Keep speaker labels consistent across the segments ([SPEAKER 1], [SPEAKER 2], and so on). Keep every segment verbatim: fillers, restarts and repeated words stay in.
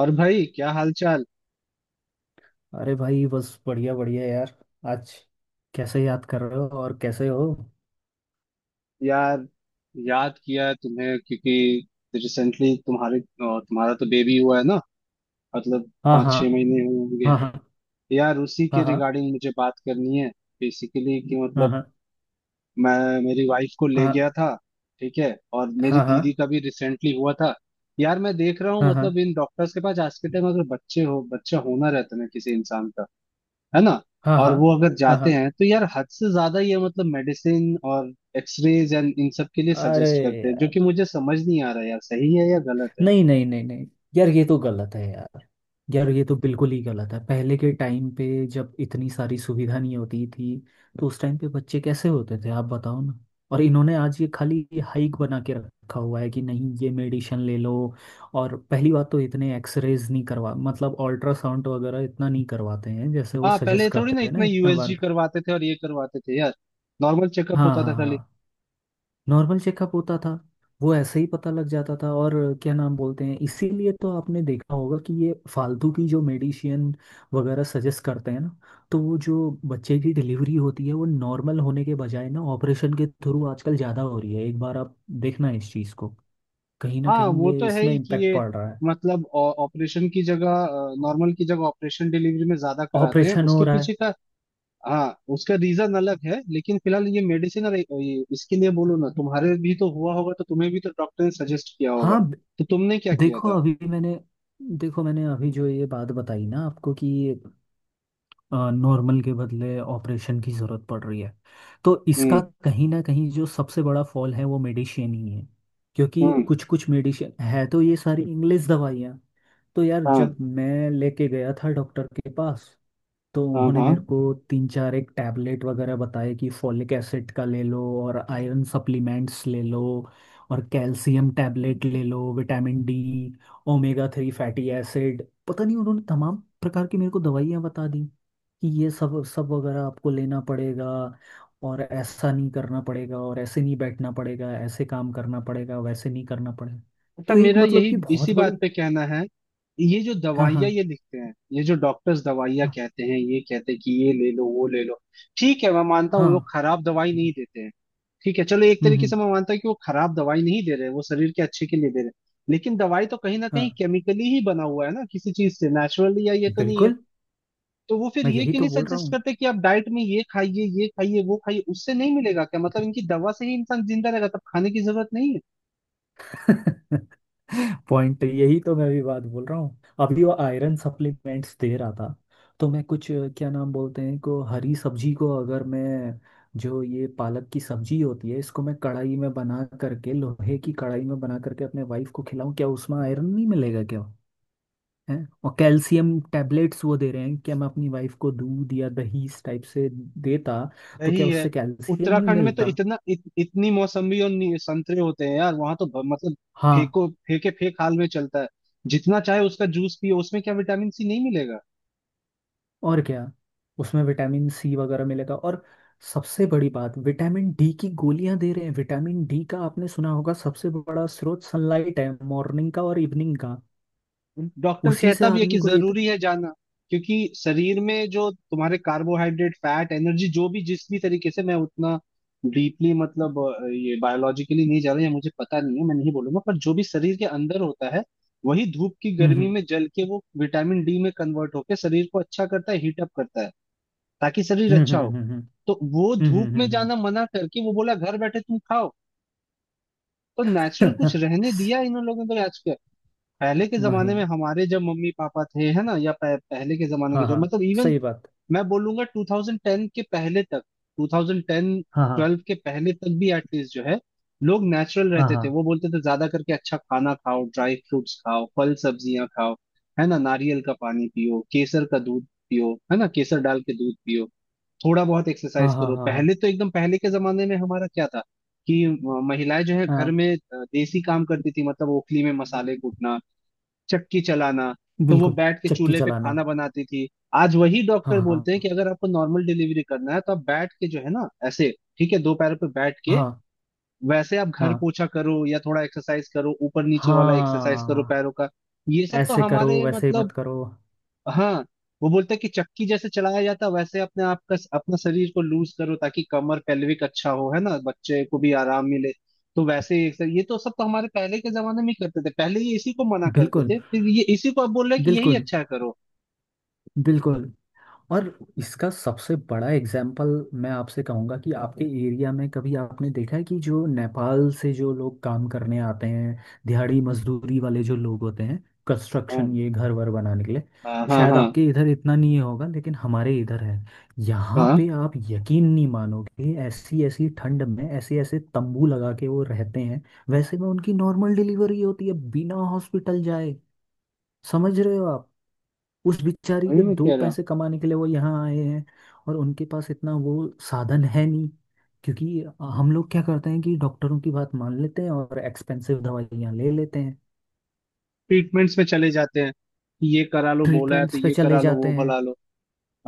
[SPEAKER 1] और भाई क्या हाल चाल।
[SPEAKER 2] अरे भाई, बस बढ़िया बढ़िया यार। आज कैसे याद कर रहे हो, और कैसे हो?
[SPEAKER 1] यार याद किया तुम्हें क्योंकि रिसेंटली तुम्हारे अ, तुम्हारा तो बेबी हुआ है ना। मतलब
[SPEAKER 2] हाँ,
[SPEAKER 1] पाँच
[SPEAKER 2] हाँ,
[SPEAKER 1] छह महीने हुए होंगे।
[SPEAKER 2] हाँ, हाँ,
[SPEAKER 1] यार उसी के
[SPEAKER 2] हाँ, हाँ,
[SPEAKER 1] रिगार्डिंग मुझे बात करनी है, बेसिकली कि मतलब
[SPEAKER 2] हाँ,
[SPEAKER 1] मैं मेरी वाइफ को ले गया
[SPEAKER 2] हाँ,
[SPEAKER 1] था, ठीक है, और मेरी
[SPEAKER 2] हाँ, हाँ,
[SPEAKER 1] दीदी का भी रिसेंटली हुआ था। यार मैं देख रहा हूँ,
[SPEAKER 2] हाँ, हाँ, हाँ,
[SPEAKER 1] मतलब इन डॉक्टर्स के पास आज के टाइम अगर बच्चे हो बच्चा होना रहता है ना किसी इंसान का, है ना,
[SPEAKER 2] हाँ,
[SPEAKER 1] और
[SPEAKER 2] हाँ,
[SPEAKER 1] वो अगर
[SPEAKER 2] हाँ,
[SPEAKER 1] जाते
[SPEAKER 2] हाँ।
[SPEAKER 1] हैं तो यार हद से ज्यादा ये मतलब मेडिसिन और एक्सरेज एंड इन सब के लिए
[SPEAKER 2] अरे
[SPEAKER 1] सजेस्ट करते हैं, जो
[SPEAKER 2] यार,
[SPEAKER 1] कि मुझे समझ नहीं आ रहा यार सही है या गलत है।
[SPEAKER 2] नहीं नहीं नहीं नहीं, यार ये तो गलत है यार। यार ये तो बिल्कुल ही गलत है। पहले के टाइम पे, जब इतनी सारी सुविधा नहीं होती थी, तो उस टाइम पे बच्चे कैसे होते थे, आप बताओ ना। और इन्होंने आज ये खाली ये हाइक बना के रखा हुआ है कि नहीं ये मेडिसिन ले लो। और पहली बात तो इतने एक्सरेज नहीं करवा, मतलब अल्ट्रासाउंड वगैरह इतना नहीं करवाते हैं जैसे वो
[SPEAKER 1] हाँ पहले
[SPEAKER 2] सजेस्ट
[SPEAKER 1] थोड़ी ना
[SPEAKER 2] करते हैं ना,
[SPEAKER 1] इतना
[SPEAKER 2] इतना
[SPEAKER 1] यूएसजी
[SPEAKER 2] बार।
[SPEAKER 1] करवाते थे और ये करवाते थे यार, नॉर्मल चेकअप
[SPEAKER 2] हाँ,
[SPEAKER 1] होता था
[SPEAKER 2] हाँ,
[SPEAKER 1] खाली।
[SPEAKER 2] हाँ। नॉर्मल चेकअप होता था। वो ऐसे ही पता लग जाता था। और क्या नाम बोलते हैं, इसीलिए तो आपने देखा होगा कि ये फालतू की जो मेडिसिन वगैरह सजेस्ट करते हैं ना, तो वो जो बच्चे की डिलीवरी होती है, वो नॉर्मल होने के बजाय ना ऑपरेशन के थ्रू आजकल ज़्यादा हो रही है। एक बार आप देखना इस चीज़ को, कहीं ना
[SPEAKER 1] हाँ
[SPEAKER 2] कहीं
[SPEAKER 1] वो
[SPEAKER 2] ये
[SPEAKER 1] तो है
[SPEAKER 2] इसमें
[SPEAKER 1] ही कि
[SPEAKER 2] इम्पेक्ट
[SPEAKER 1] ये
[SPEAKER 2] पड़ रहा है।
[SPEAKER 1] मतलब ऑपरेशन की जगह नॉर्मल की जगह ऑपरेशन डिलीवरी में ज्यादा कराते हैं,
[SPEAKER 2] ऑपरेशन हो
[SPEAKER 1] उसके
[SPEAKER 2] रहा है।
[SPEAKER 1] पीछे का हाँ उसका रीजन अलग है, लेकिन फिलहाल ये मेडिसिन और ये इसके लिए बोलो ना, तुम्हारे भी तो हुआ होगा तो तुम्हें भी तो डॉक्टर ने सजेस्ट किया होगा,
[SPEAKER 2] हाँ, ब-
[SPEAKER 1] तो तुमने क्या किया
[SPEAKER 2] देखो
[SPEAKER 1] था?
[SPEAKER 2] अभी मैंने देखो मैंने अभी जो ये बात बताई ना आपको, कि नॉर्मल के बदले ऑपरेशन की ज़रूरत पड़ रही है, तो इसका
[SPEAKER 1] हम्म।
[SPEAKER 2] कहीं ना कहीं जो सबसे बड़ा फॉल है वो मेडिसिन ही है। क्योंकि
[SPEAKER 1] हम्म।
[SPEAKER 2] कुछ कुछ मेडिसिन है, तो ये सारी इंग्लिश दवाइयाँ। तो यार
[SPEAKER 1] हाँ
[SPEAKER 2] जब मैं लेके गया था डॉक्टर के पास, तो
[SPEAKER 1] हाँ
[SPEAKER 2] उन्होंने
[SPEAKER 1] हाँ।
[SPEAKER 2] मेरे को तीन चार एक टैबलेट वगैरह बताए, कि फॉलिक एसिड का ले लो, और आयरन सप्लीमेंट्स ले लो, और कैल्शियम टैबलेट ले लो, vitamin D, omega three fatty acid, पता नहीं उन्होंने तमाम प्रकार की मेरे को दवाइयाँ बता दी, कि ये सब सब वगैरह आपको लेना पड़ेगा, और ऐसा नहीं करना पड़ेगा, और ऐसे नहीं बैठना पड़ेगा, ऐसे काम करना पड़ेगा, वैसे नहीं करना पड़ेगा।
[SPEAKER 1] अच्छा
[SPEAKER 2] तो एक
[SPEAKER 1] मेरा
[SPEAKER 2] मतलब कि
[SPEAKER 1] यही इसी
[SPEAKER 2] बहुत
[SPEAKER 1] बात
[SPEAKER 2] बड़ी।
[SPEAKER 1] पे कहना है, ये जो दवाइयाँ
[SPEAKER 2] हाँ,
[SPEAKER 1] ये लिखते हैं, ये जो डॉक्टर्स दवाइयाँ
[SPEAKER 2] हाँ,
[SPEAKER 1] कहते हैं, ये कहते हैं कि ये ले लो वो ले लो। ठीक है मैं मानता
[SPEAKER 2] हाँ,
[SPEAKER 1] हूँ वो खराब दवाई नहीं देते हैं। ठीक है चलो एक
[SPEAKER 2] हम्म,
[SPEAKER 1] तरीके से
[SPEAKER 2] हम्म,
[SPEAKER 1] मैं मानता हूँ कि वो खराब दवाई नहीं दे रहे, वो शरीर के अच्छे के लिए दे रहे। लेकिन दवाई तो कहीं ना
[SPEAKER 2] हाँ
[SPEAKER 1] कहीं केमिकली ही बना हुआ है ना, किसी चीज से नेचुरली या ये तो नहीं है।
[SPEAKER 2] बिल्कुल।
[SPEAKER 1] तो वो फिर
[SPEAKER 2] मैं
[SPEAKER 1] ये
[SPEAKER 2] यही
[SPEAKER 1] क्यों
[SPEAKER 2] तो
[SPEAKER 1] नहीं
[SPEAKER 2] बोल रहा
[SPEAKER 1] सजेस्ट
[SPEAKER 2] हूँ।
[SPEAKER 1] करते कि आप डाइट में ये खाइए ये खाइए वो खाइए, उससे नहीं मिलेगा क्या? मतलब इनकी दवा से ही इंसान जिंदा रहेगा, तब खाने की जरूरत नहीं है।
[SPEAKER 2] पॉइंट यही तो मैं भी बात बोल रहा हूँ, अभी वो आयरन सप्लीमेंट्स दे रहा था। तो मैं कुछ अ, क्या नाम बोलते हैं, को हरी सब्जी को अगर मैं, जो ये पालक की सब्जी होती है, इसको मैं कढ़ाई में बना करके, लोहे की कढ़ाई में बना करके, अपने वाइफ को खिलाऊं, क्या उसमें आयरन नहीं मिलेगा क्या? है। और कैल्शियम टैबलेट्स वो दे रहे हैं, क्या मैं अपनी वाइफ को दूध या दही इस टाइप से देता, तो क्या
[SPEAKER 1] वही है।
[SPEAKER 2] उससे कैल्शियम नहीं
[SPEAKER 1] उत्तराखंड में तो
[SPEAKER 2] मिलता?
[SPEAKER 1] इतना इत, इतनी मौसम्बी और नी- संतरे होते हैं यार, वहां तो ब- मतलब
[SPEAKER 2] हाँ,
[SPEAKER 1] फेंको फेंके फेंक हाल में चलता है। जितना चाहे उसका जूस पियो, उसमें क्या विटामिन सी नहीं मिलेगा?
[SPEAKER 2] और क्या। उसमें विटामिन सी वगैरह मिलेगा, और सबसे बड़ी बात, विटामिन डी की गोलियां दे रहे हैं। विटामिन डी का आपने सुना होगा, सबसे बड़ा स्रोत सनलाइट है, मॉर्निंग का और इवनिंग का।
[SPEAKER 1] डॉक्टर
[SPEAKER 2] उसी से
[SPEAKER 1] कहता भी है
[SPEAKER 2] आदमी
[SPEAKER 1] कि
[SPEAKER 2] को ये तो-।
[SPEAKER 1] जरूरी है जाना, क्योंकि शरीर में जो तुम्हारे कार्बोहाइड्रेट फैट एनर्जी जो भी जिस भी तरीके से मैं उतना डीपली मतलब अ, ये बायोलॉजिकली नहीं जा रहा या मुझे पता नहीं है, मैं नहीं बोलूंगा, पर जो भी शरीर के अंदर होता है वही धूप की गर्मी
[SPEAKER 2] हम्म,
[SPEAKER 1] में जल के वो विटामिन डी में कन्वर्ट होकर शरीर को अच्छा करता है, हीट अप करता है, ताकि शरीर
[SPEAKER 2] हम्म,
[SPEAKER 1] अच्छा
[SPEAKER 2] हम्म,
[SPEAKER 1] हो।
[SPEAKER 2] हम्म, हम्म,
[SPEAKER 1] तो वो
[SPEAKER 2] हम्म,
[SPEAKER 1] धूप
[SPEAKER 2] हम्म,
[SPEAKER 1] में
[SPEAKER 2] हम्म, हम्म।
[SPEAKER 1] जाना मना करके वो बोला घर बैठे तुम खाओ। तो नेचुरल कुछ रहने दिया इन लोगों को आज? पहले के जमाने
[SPEAKER 2] नहीं।
[SPEAKER 1] में हमारे जब मम्मी पापा थे, है ना, या पह, पहले के जमाने के
[SPEAKER 2] हाँ,
[SPEAKER 1] जो
[SPEAKER 2] हाँ,
[SPEAKER 1] मतलब इवन
[SPEAKER 2] सही बात।
[SPEAKER 1] मैं बोलूंगा दो हज़ार दस के पहले तक, ट्वेंटी टेन
[SPEAKER 2] हाँ, हाँ,
[SPEAKER 1] ट्वेल्व के पहले तक भी एटलीस्ट जो है लोग नेचुरल
[SPEAKER 2] हाँ,
[SPEAKER 1] रहते
[SPEAKER 2] हाँ,
[SPEAKER 1] थे। वो बोलते थे ज्यादा करके अच्छा खाना खाओ, ड्राई फ्रूट्स खाओ, फल सब्जियां खाओ, है ना, नारियल का पानी पियो, केसर का दूध पियो, है ना, केसर डाल के दूध पियो, थोड़ा बहुत
[SPEAKER 2] हाँ,
[SPEAKER 1] एक्सरसाइज
[SPEAKER 2] हाँ, हाँ,
[SPEAKER 1] करो।
[SPEAKER 2] हाँ, हाँ,
[SPEAKER 1] पहले तो एकदम पहले के जमाने में हमारा क्या था कि अ, महिलाएं जो है घर
[SPEAKER 2] हाँ,
[SPEAKER 1] में अ, देसी काम करती थी, मतलब ओखली में मसाले कूटना, चक्की चलाना, तो वो
[SPEAKER 2] बिल्कुल।
[SPEAKER 1] बैठ के
[SPEAKER 2] चक्की
[SPEAKER 1] चूल्हे पे
[SPEAKER 2] चलाना।
[SPEAKER 1] खाना बनाती थी। आज वही
[SPEAKER 2] हाँ,
[SPEAKER 1] डॉक्टर बोलते हैं
[SPEAKER 2] हाँ,
[SPEAKER 1] कि अगर आपको नॉर्मल डिलीवरी करना है तो आप बैठ के जो है ना ऐसे, ठीक है, दो पैरों पे बैठ के,
[SPEAKER 2] हाँ,
[SPEAKER 1] वैसे आप घर
[SPEAKER 2] हाँ,
[SPEAKER 1] पोछा करो या थोड़ा एक्सरसाइज करो, ऊपर नीचे वाला एक्सरसाइज करो
[SPEAKER 2] हाँ।
[SPEAKER 1] पैरों का। ये सब तो
[SPEAKER 2] ऐसे करो
[SPEAKER 1] हमारे
[SPEAKER 2] वैसे
[SPEAKER 1] मतलब,
[SPEAKER 2] मत करो।
[SPEAKER 1] हाँ, वो बोलता है कि चक्की जैसे चलाया जाता है, वैसे अपने आप का अपना शरीर को लूज करो ताकि कमर पेल्विक अच्छा हो, है ना, बच्चे को भी आराम मिले। तो वैसे ही exercise- ये तो सब तो हमारे पहले के जमाने में ही करते थे। पहले ये इसी को मना करते
[SPEAKER 2] बिल्कुल,
[SPEAKER 1] थे, फिर ये इसी को अब बोल रहे हैं कि यही
[SPEAKER 2] बिल्कुल,
[SPEAKER 1] अच्छा करो।
[SPEAKER 2] बिल्कुल। और इसका सबसे बड़ा एग्जाम्पल मैं आपसे कहूँगा, कि आपके एरिया में कभी आपने देखा है कि जो नेपाल से जो लोग काम करने आते हैं, दिहाड़ी मजदूरी वाले जो लोग होते हैं,
[SPEAKER 1] हाँ
[SPEAKER 2] कंस्ट्रक्शन, ये घर वर बनाने के लिए।
[SPEAKER 1] हाँ हाँ
[SPEAKER 2] शायद
[SPEAKER 1] हाँ
[SPEAKER 2] आपके इधर इतना नहीं होगा, लेकिन हमारे इधर है। यहाँ
[SPEAKER 1] हाँ।
[SPEAKER 2] पे आप यकीन नहीं मानोगे, ऐसी ऐसी ठंड में ऐसे ऐसे तंबू लगा के वो रहते हैं। वैसे में उनकी नॉर्मल डिलीवरी होती है बिना हॉस्पिटल जाए। समझ रहे हो आप? उस बिचारी
[SPEAKER 1] वही
[SPEAKER 2] के
[SPEAKER 1] मैं
[SPEAKER 2] दो
[SPEAKER 1] कह रहा हूँ।
[SPEAKER 2] पैसे कमाने के लिए वो यहाँ आए हैं, और उनके पास इतना वो साधन है नहीं। क्योंकि हम लोग क्या करते हैं कि डॉक्टरों की बात मान लेते हैं, और एक्सपेंसिव दवाइयाँ ले लेते हैं,
[SPEAKER 1] ट्रीटमेंट्स में चले जाते हैं कि ये करा लो, बोला है तो
[SPEAKER 2] ट्रीटमेंट्स पे
[SPEAKER 1] ये
[SPEAKER 2] चले
[SPEAKER 1] करा लो
[SPEAKER 2] जाते
[SPEAKER 1] वो
[SPEAKER 2] हैं।
[SPEAKER 1] भला लो।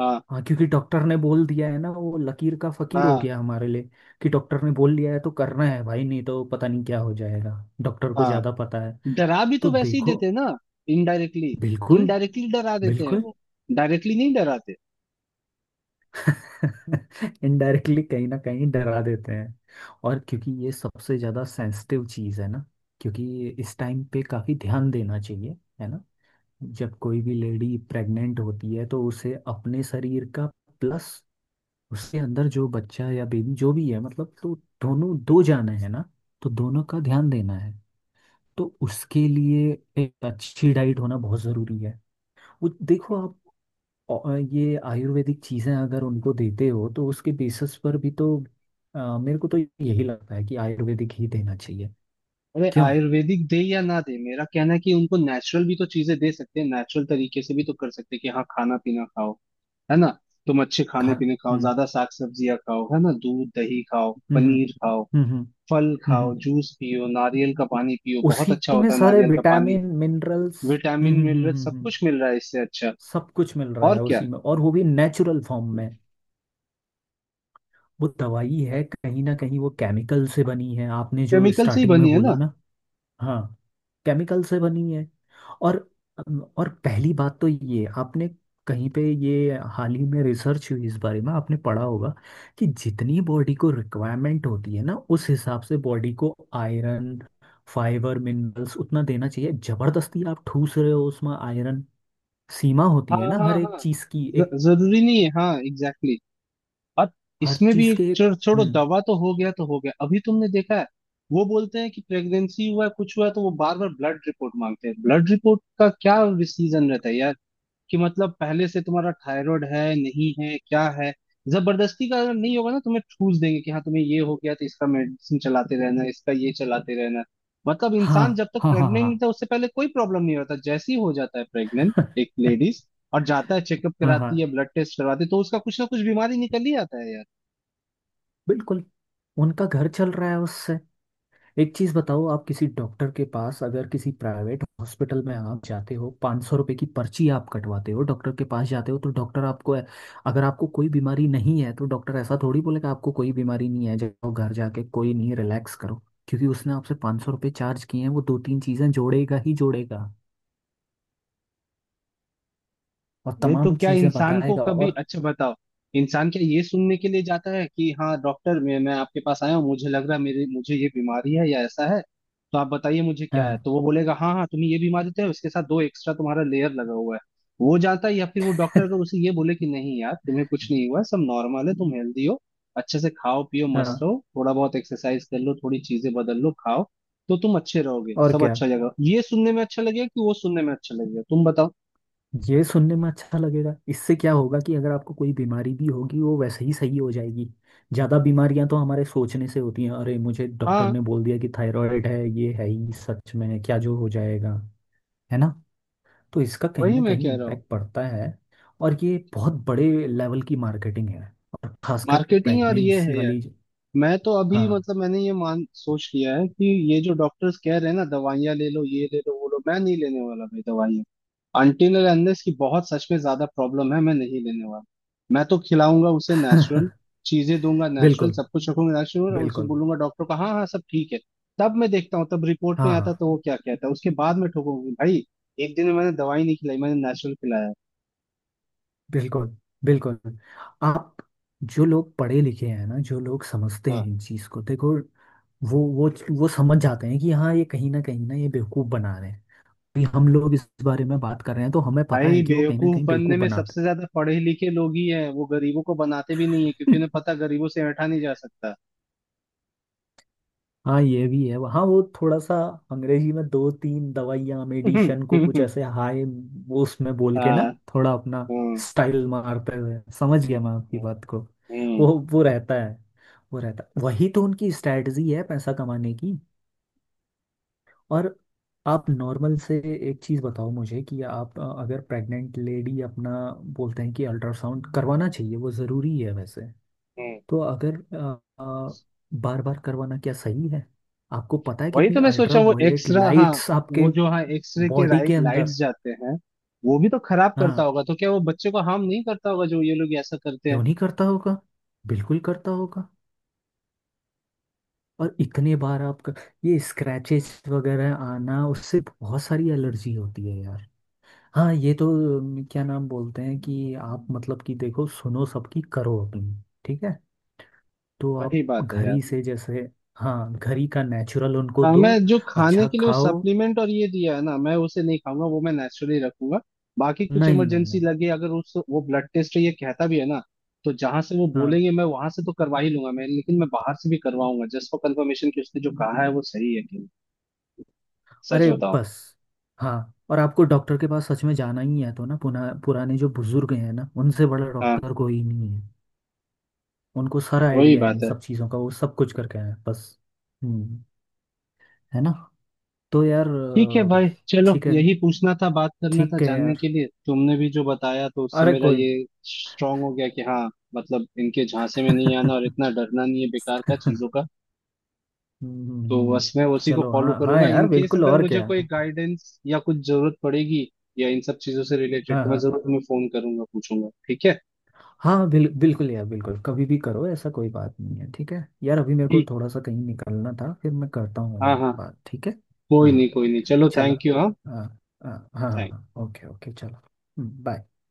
[SPEAKER 1] हाँ
[SPEAKER 2] हाँ, क्योंकि डॉक्टर ने बोल दिया है ना, वो लकीर का फकीर हो
[SPEAKER 1] हाँ
[SPEAKER 2] गया हमारे लिए। कि डॉक्टर ने बोल दिया है तो करना है भाई, नहीं तो पता नहीं क्या हो जाएगा। डॉक्टर को
[SPEAKER 1] हाँ।
[SPEAKER 2] ज़्यादा पता है।
[SPEAKER 1] डरा भी
[SPEAKER 2] तो
[SPEAKER 1] तो वैसे ही
[SPEAKER 2] देखो।
[SPEAKER 1] देते हैं ना, इनडायरेक्टली।
[SPEAKER 2] बिल्कुल।
[SPEAKER 1] इनडायरेक्टली डरा देते हैं
[SPEAKER 2] बिल्कुल।
[SPEAKER 1] वो, डायरेक्टली नहीं डराते।
[SPEAKER 2] इनडायरेक्टली कहीं ना कहीं डरा देते हैं। और क्योंकि ये सबसे ज़्यादा सेंसिटिव चीज़ है ना, क्योंकि इस टाइम पे काफ़ी ध्यान देना चाहिए, है ना। जब कोई भी लेडी प्रेग्नेंट होती है, तो उसे अपने शरीर का, प्लस उसके अंदर जो बच्चा या बेबी जो भी है, मतलब तो दोनों दो जाने हैं ना, तो दोनों का ध्यान देना है। तो उसके लिए एक अच्छी डाइट होना बहुत ज़रूरी है। वो देखो आप। और ये आयुर्वेदिक चीज़ें अगर उनको देते हो, तो उसके बेसिस पर भी तो, अ, मेरे को तो यही लगता है कि आयुर्वेदिक ही देना चाहिए।
[SPEAKER 1] अरे
[SPEAKER 2] क्यों।
[SPEAKER 1] आयुर्वेदिक दे या ना दे, मेरा कहना है कि उनको नेचुरल भी तो चीजें दे सकते हैं, नेचुरल तरीके से भी तो कर सकते हैं कि हाँ खाना पीना खाओ, है ना, तुम अच्छे
[SPEAKER 2] खा
[SPEAKER 1] खाने पीने खाओ,
[SPEAKER 2] हम्म,
[SPEAKER 1] ज्यादा साग सब्जियां खाओ, है ना, दूध दही खाओ,
[SPEAKER 2] हम्म,
[SPEAKER 1] पनीर खाओ,
[SPEAKER 2] हम्म, हम्म, हम्म।
[SPEAKER 1] फल
[SPEAKER 2] हम्म,
[SPEAKER 1] खाओ,
[SPEAKER 2] हम्म।
[SPEAKER 1] जूस पियो, नारियल का पानी पियो, बहुत
[SPEAKER 2] उसी
[SPEAKER 1] अच्छा
[SPEAKER 2] में
[SPEAKER 1] होता है
[SPEAKER 2] सारे
[SPEAKER 1] नारियल का पानी।
[SPEAKER 2] Vitamin minerals. हम्म,
[SPEAKER 1] विटामिन
[SPEAKER 2] हम्म,
[SPEAKER 1] मिल
[SPEAKER 2] हम्म,
[SPEAKER 1] रहा
[SPEAKER 2] हम्म,
[SPEAKER 1] सब
[SPEAKER 2] हम्म।
[SPEAKER 1] कुछ मिल रहा है, इससे अच्छा
[SPEAKER 2] सब कुछ मिल रहा
[SPEAKER 1] और
[SPEAKER 2] है
[SPEAKER 1] क्या?
[SPEAKER 2] उसी में, और वो भी नेचुरल फॉर्म में। वो दवाई है, कहीं ना कहीं वो केमिकल से बनी है, आपने जो
[SPEAKER 1] केमिकल से ही
[SPEAKER 2] स्टार्टिंग में
[SPEAKER 1] बनी है ना।
[SPEAKER 2] बोला ना। हाँ, केमिकल से बनी है। और और पहली बात तो ये आपने, कहीं पे ये हाल ही में रिसर्च हुई इस बारे में आपने पढ़ा होगा, कि जितनी बॉडी को रिक्वायरमेंट होती है ना, उस हिसाब से बॉडी को आयरन, फाइबर, मिनरल्स उतना देना चाहिए। जबरदस्ती आप ठूस रहे हो उसमें आयरन। सीमा होती है
[SPEAKER 1] हाँ
[SPEAKER 2] ना हर
[SPEAKER 1] हाँ
[SPEAKER 2] एक
[SPEAKER 1] हाँ।
[SPEAKER 2] चीज की।
[SPEAKER 1] ज-
[SPEAKER 2] एक
[SPEAKER 1] जरूरी नहीं है हाँ, एग्जैक्टली। और
[SPEAKER 2] हर
[SPEAKER 1] इसमें भी
[SPEAKER 2] चीज
[SPEAKER 1] एक
[SPEAKER 2] के एक।
[SPEAKER 1] चो- छोड़ो,
[SPEAKER 2] हम्म।
[SPEAKER 1] दवा तो हो गया तो हो गया, अभी तुमने देखा है, वो बोलते हैं कि प्रेगनेंसी हुआ है कुछ हुआ है तो वो बार बार ब्लड रिपोर्ट मांगते हैं। ब्लड रिपोर्ट का क्या सीजन रहता है यार, कि मतलब पहले से तुम्हारा थायराइड है नहीं है क्या है। जबरदस्ती का अगर नहीं होगा ना तुम्हें ठूस देंगे कि हाँ तुम्हें ये हो गया, तो इसका मेडिसिन चलाते रहना इसका ये चलाते रहना। मतलब
[SPEAKER 2] हाँ,
[SPEAKER 1] इंसान जब तक
[SPEAKER 2] हाँ, हाँ,
[SPEAKER 1] प्रेग्नेंट
[SPEAKER 2] हाँ,
[SPEAKER 1] नहीं था उससे पहले कोई प्रॉब्लम नहीं होता, जैसे ही हो जाता है प्रेग्नेंट एक लेडीज और जाता है, चेकअप
[SPEAKER 2] हाँ, हाँ,
[SPEAKER 1] कराती है, ब्लड टेस्ट करवाती है, तो उसका कुछ ना कुछ बीमारी निकल ही आता है यार।
[SPEAKER 2] बिल्कुल। उनका घर चल रहा है उससे। एक चीज बताओ, आप किसी डॉक्टर के पास अगर किसी प्राइवेट हॉस्पिटल में आप जाते हो, पाँच सौ रुपये की पर्ची आप कटवाते हो, डॉक्टर के पास जाते हो, तो डॉक्टर आपको, अगर आपको कोई बीमारी नहीं है, तो डॉक्टर ऐसा थोड़ी बोलेगा आपको कोई बीमारी नहीं है, जाओ घर जाके कोई नहीं रिलैक्स करो। क्योंकि उसने आपसे पाँच सौ रुपये चार्ज किए हैं, वो दो तीन चीजें जोड़ेगा ही जोड़ेगा, और
[SPEAKER 1] अरे तो
[SPEAKER 2] तमाम
[SPEAKER 1] क्या
[SPEAKER 2] चीजें
[SPEAKER 1] इंसान को
[SPEAKER 2] बताएगा,
[SPEAKER 1] कभी
[SPEAKER 2] और।
[SPEAKER 1] अच्छा बताओ, इंसान क्या ये सुनने के लिए जाता है कि हाँ डॉक्टर मैं मैं आपके पास आया हूँ, मुझे लग रहा है मेरे मुझे ये बीमारी है या ऐसा है, तो आप बताइए मुझे क्या है,
[SPEAKER 2] हाँ।
[SPEAKER 1] तो वो बोलेगा हाँ हाँ तुम्हें ये बीमारी तो है उसके साथ दो एक्स्ट्रा तुम्हारा लेयर लगा हुआ है, वो जाता है। या फिर वो डॉक्टर अगर उसे ये बोले कि नहीं यार तुम्हें कुछ नहीं हुआ है, सब नॉर्मल है, तुम हेल्दी हो, अच्छे से खाओ पियो मस्त
[SPEAKER 2] हाँ,
[SPEAKER 1] रहो, थोड़ा बहुत एक्सरसाइज कर लो, थोड़ी चीजें बदल लो खाओ, तो तुम अच्छे रहोगे
[SPEAKER 2] और
[SPEAKER 1] सब
[SPEAKER 2] क्या।
[SPEAKER 1] अच्छा लगेगा। ये सुनने में अच्छा लगेगा कि वो सुनने में अच्छा लगेगा, तुम बताओ।
[SPEAKER 2] ये सुनने में अच्छा लगेगा, इससे क्या होगा कि अगर आपको कोई बीमारी भी होगी वो वैसे ही सही हो जाएगी। ज़्यादा बीमारियां तो हमारे सोचने से होती हैं। अरे मुझे डॉक्टर
[SPEAKER 1] हाँ,
[SPEAKER 2] ने बोल दिया कि थायराइड है, ये है ही सच में क्या जो हो जाएगा? है ना। तो इसका कहीं
[SPEAKER 1] वही
[SPEAKER 2] ना
[SPEAKER 1] मैं
[SPEAKER 2] कहीं
[SPEAKER 1] कह रहा हूँ।
[SPEAKER 2] इम्पैक्ट पड़ता है। और ये बहुत बड़े लेवल की मार्केटिंग है। और खासकर
[SPEAKER 1] मार्केटिंग और ये
[SPEAKER 2] प्रेगनेंसी
[SPEAKER 1] है यार।
[SPEAKER 2] वाली।
[SPEAKER 1] मैं तो अभी
[SPEAKER 2] हाँ।
[SPEAKER 1] मतलब मैंने ये मान सोच लिया है कि ये जो डॉक्टर्स कह रहे हैं ना दवाइयाँ ले लो ये ले लो वो लो, मैं नहीं लेने वाला भाई दवाइयाँ, अनटिल और अनलेस की बहुत सच में ज्यादा प्रॉब्लम है, मैं नहीं लेने वाला। मैं तो खिलाऊंगा उसे नेचुरल चीजें दूंगा, नेचुरल
[SPEAKER 2] बिल्कुल,
[SPEAKER 1] सब कुछ रखूंगा नेचुरल, और उसे
[SPEAKER 2] बिल्कुल।
[SPEAKER 1] बोलूंगा डॉक्टर को हाँ हाँ सब ठीक है। तब मैं देखता हूँ तब रिपोर्ट में
[SPEAKER 2] हाँ,
[SPEAKER 1] आता
[SPEAKER 2] हाँ,
[SPEAKER 1] है, तो वो क्या कहता है, उसके बाद मैं ठोकूंगी भाई। एक दिन में मैंने दवाई नहीं खिलाई, मैंने नेचुरल खिलाया।
[SPEAKER 2] बिल्कुल, बिल्कुल। आप जो लोग पढ़े लिखे हैं ना, जो लोग समझते हैं इन चीज को, देखो, वो वो वो समझ जाते हैं कि हाँ ये कहीं ना कहीं ना ये बेवकूफ बना रहे हैं। कि हम लोग इस बारे में बात कर रहे हैं तो हमें पता
[SPEAKER 1] भाई
[SPEAKER 2] है कि वो कहीं ना
[SPEAKER 1] बेवकूफ
[SPEAKER 2] कहीं
[SPEAKER 1] बनने
[SPEAKER 2] बेवकूफ
[SPEAKER 1] में
[SPEAKER 2] बनाते
[SPEAKER 1] सबसे ज्यादा पढ़े लिखे लोग ही हैं, वो गरीबों को बनाते भी नहीं है क्योंकि
[SPEAKER 2] हैं।
[SPEAKER 1] उन्हें पता गरीबों से ऐंठा नहीं जा सकता।
[SPEAKER 2] हाँ, ये भी है। हाँ, वो थोड़ा सा अंग्रेजी में दो तीन दवाइयाँ मेडिशन को कुछ ऐसे हाय, वो उसमें बोल के ना,
[SPEAKER 1] हाँ।
[SPEAKER 2] थोड़ा अपना
[SPEAKER 1] हम्म
[SPEAKER 2] स्टाइल मारते हुए। समझ गया मैं आपकी
[SPEAKER 1] हम्म
[SPEAKER 2] बात को।
[SPEAKER 1] हम्म।
[SPEAKER 2] वो वो रहता है। वो रहता, वही तो उनकी स्ट्रेटजी है पैसा कमाने की। और आप नॉर्मल से, एक चीज़ बताओ मुझे कि आप, अ, अगर प्रेग्नेंट लेडी अपना, बोलते हैं कि अल्ट्रासाउंड करवाना चाहिए वो ज़रूरी है वैसे।
[SPEAKER 1] हम्म।
[SPEAKER 2] तो अगर बार बार करवाना क्या सही है? आपको पता है
[SPEAKER 1] वही
[SPEAKER 2] कितनी
[SPEAKER 1] तो मैं
[SPEAKER 2] अल्ट्रा
[SPEAKER 1] सोचा वो
[SPEAKER 2] वायलेट
[SPEAKER 1] एक्सरा हाँ,
[SPEAKER 2] लाइट्स आपके
[SPEAKER 1] वो जो हाँ एक्सरे के
[SPEAKER 2] बॉडी
[SPEAKER 1] राइ,
[SPEAKER 2] के अंदर।
[SPEAKER 1] लाइट्स जाते हैं वो भी तो खराब करता
[SPEAKER 2] हाँ।
[SPEAKER 1] होगा, तो क्या वो बच्चे को हार्म नहीं करता होगा जो ये लोग ऐसा करते हैं?
[SPEAKER 2] क्यों नहीं करता होगा? बिल्कुल करता होगा। और इतने बार आपका, ये स्क्रैचेस वगैरह आना, उससे बहुत सारी एलर्जी होती है यार। हाँ, ये तो, अम, क्या नाम बोलते हैं, कि आप मतलब कि देखो, सुनो सबकी, करो अपनी। ठीक है। तो आप
[SPEAKER 1] वही बात है
[SPEAKER 2] घर
[SPEAKER 1] यार।
[SPEAKER 2] ही से जैसे। हाँ, घर ही का नेचुरल उनको
[SPEAKER 1] हाँ मैं
[SPEAKER 2] दो,
[SPEAKER 1] जो खाने
[SPEAKER 2] अच्छा
[SPEAKER 1] के लिए वो
[SPEAKER 2] खाओ।
[SPEAKER 1] सप्लीमेंट और ये दिया है ना, मैं उसे नहीं खाऊंगा, वो मैं नेचुरली रखूंगा। बाकी कुछ
[SPEAKER 2] नहीं नहीं
[SPEAKER 1] इमरजेंसी
[SPEAKER 2] नहीं।
[SPEAKER 1] लगे अगर उस वो ब्लड टेस्ट ये कहता भी है ना, तो जहां से वो
[SPEAKER 2] हाँ।
[SPEAKER 1] बोलेंगे मैं वहां से तो करवा ही लूंगा, मैं लेकिन मैं बाहर से भी करवाऊंगा जस्ट फॉर कंफर्मेशन कि उसने जो कहा है वो सही है कि नहीं। सच
[SPEAKER 2] अरे
[SPEAKER 1] बताओ तो।
[SPEAKER 2] बस। हाँ। और आपको डॉक्टर के पास सच में जाना ही है तो ना पुना पुराने जो बुजुर्ग हैं ना, उनसे बड़ा
[SPEAKER 1] हाँ
[SPEAKER 2] डॉक्टर कोई नहीं है। उनको सारा
[SPEAKER 1] वही
[SPEAKER 2] आइडिया है इन
[SPEAKER 1] बात है।
[SPEAKER 2] सब चीज़ों का, वो सब कुछ करके आए हैं, बस। हम्म। है ना। तो यार,
[SPEAKER 1] ठीक है
[SPEAKER 2] अ,
[SPEAKER 1] भाई चलो,
[SPEAKER 2] ठीक है।
[SPEAKER 1] यही पूछना था बात करना था
[SPEAKER 2] ठीक है
[SPEAKER 1] जानने
[SPEAKER 2] यार।
[SPEAKER 1] के लिए, तुमने भी जो बताया तो उससे
[SPEAKER 2] अरे
[SPEAKER 1] मेरा
[SPEAKER 2] कोई।
[SPEAKER 1] ये स्ट्रांग हो गया कि हाँ, मतलब इनके झांसे में नहीं आना, और इतना डरना नहीं है बेकार का
[SPEAKER 2] हम्म,
[SPEAKER 1] चीजों का। तो बस मैं
[SPEAKER 2] हम्म,
[SPEAKER 1] उसी को
[SPEAKER 2] चलो,
[SPEAKER 1] फॉलो
[SPEAKER 2] हाँ हाँ
[SPEAKER 1] करूंगा, इन
[SPEAKER 2] यार,
[SPEAKER 1] केस
[SPEAKER 2] बिल्कुल,
[SPEAKER 1] अगर
[SPEAKER 2] और
[SPEAKER 1] मुझे
[SPEAKER 2] क्या।
[SPEAKER 1] कोई गाइडेंस या कुछ जरूरत पड़ेगी या इन सब चीजों से रिलेटेड,
[SPEAKER 2] हाँ,
[SPEAKER 1] तो
[SPEAKER 2] हाँ,
[SPEAKER 1] मैं
[SPEAKER 2] हाँ,
[SPEAKER 1] जरूर तुम्हें फोन करूंगा पूछूंगा, ठीक है?
[SPEAKER 2] हाँ, बिल, बिल्कुल यार, बिल्कुल, कभी भी करो, ऐसा कोई बात नहीं है। ठीक है यार, अभी मेरे को
[SPEAKER 1] ठीक।
[SPEAKER 2] थोड़ा सा कहीं निकलना था, फिर मैं करता हूँ
[SPEAKER 1] हाँ हाँ।
[SPEAKER 2] बात, ठीक है?
[SPEAKER 1] कोई नहीं
[SPEAKER 2] हाँ,
[SPEAKER 1] कोई नहीं चलो,
[SPEAKER 2] चलो।
[SPEAKER 1] Thank you. हाँ
[SPEAKER 2] हाँ, हाँ, हाँ, हाँ, हाँ, हाँ, हाँ, हाँ,
[SPEAKER 1] थैंक।
[SPEAKER 2] हाँ, ओके, ओके, चलो। हम्म, बाय।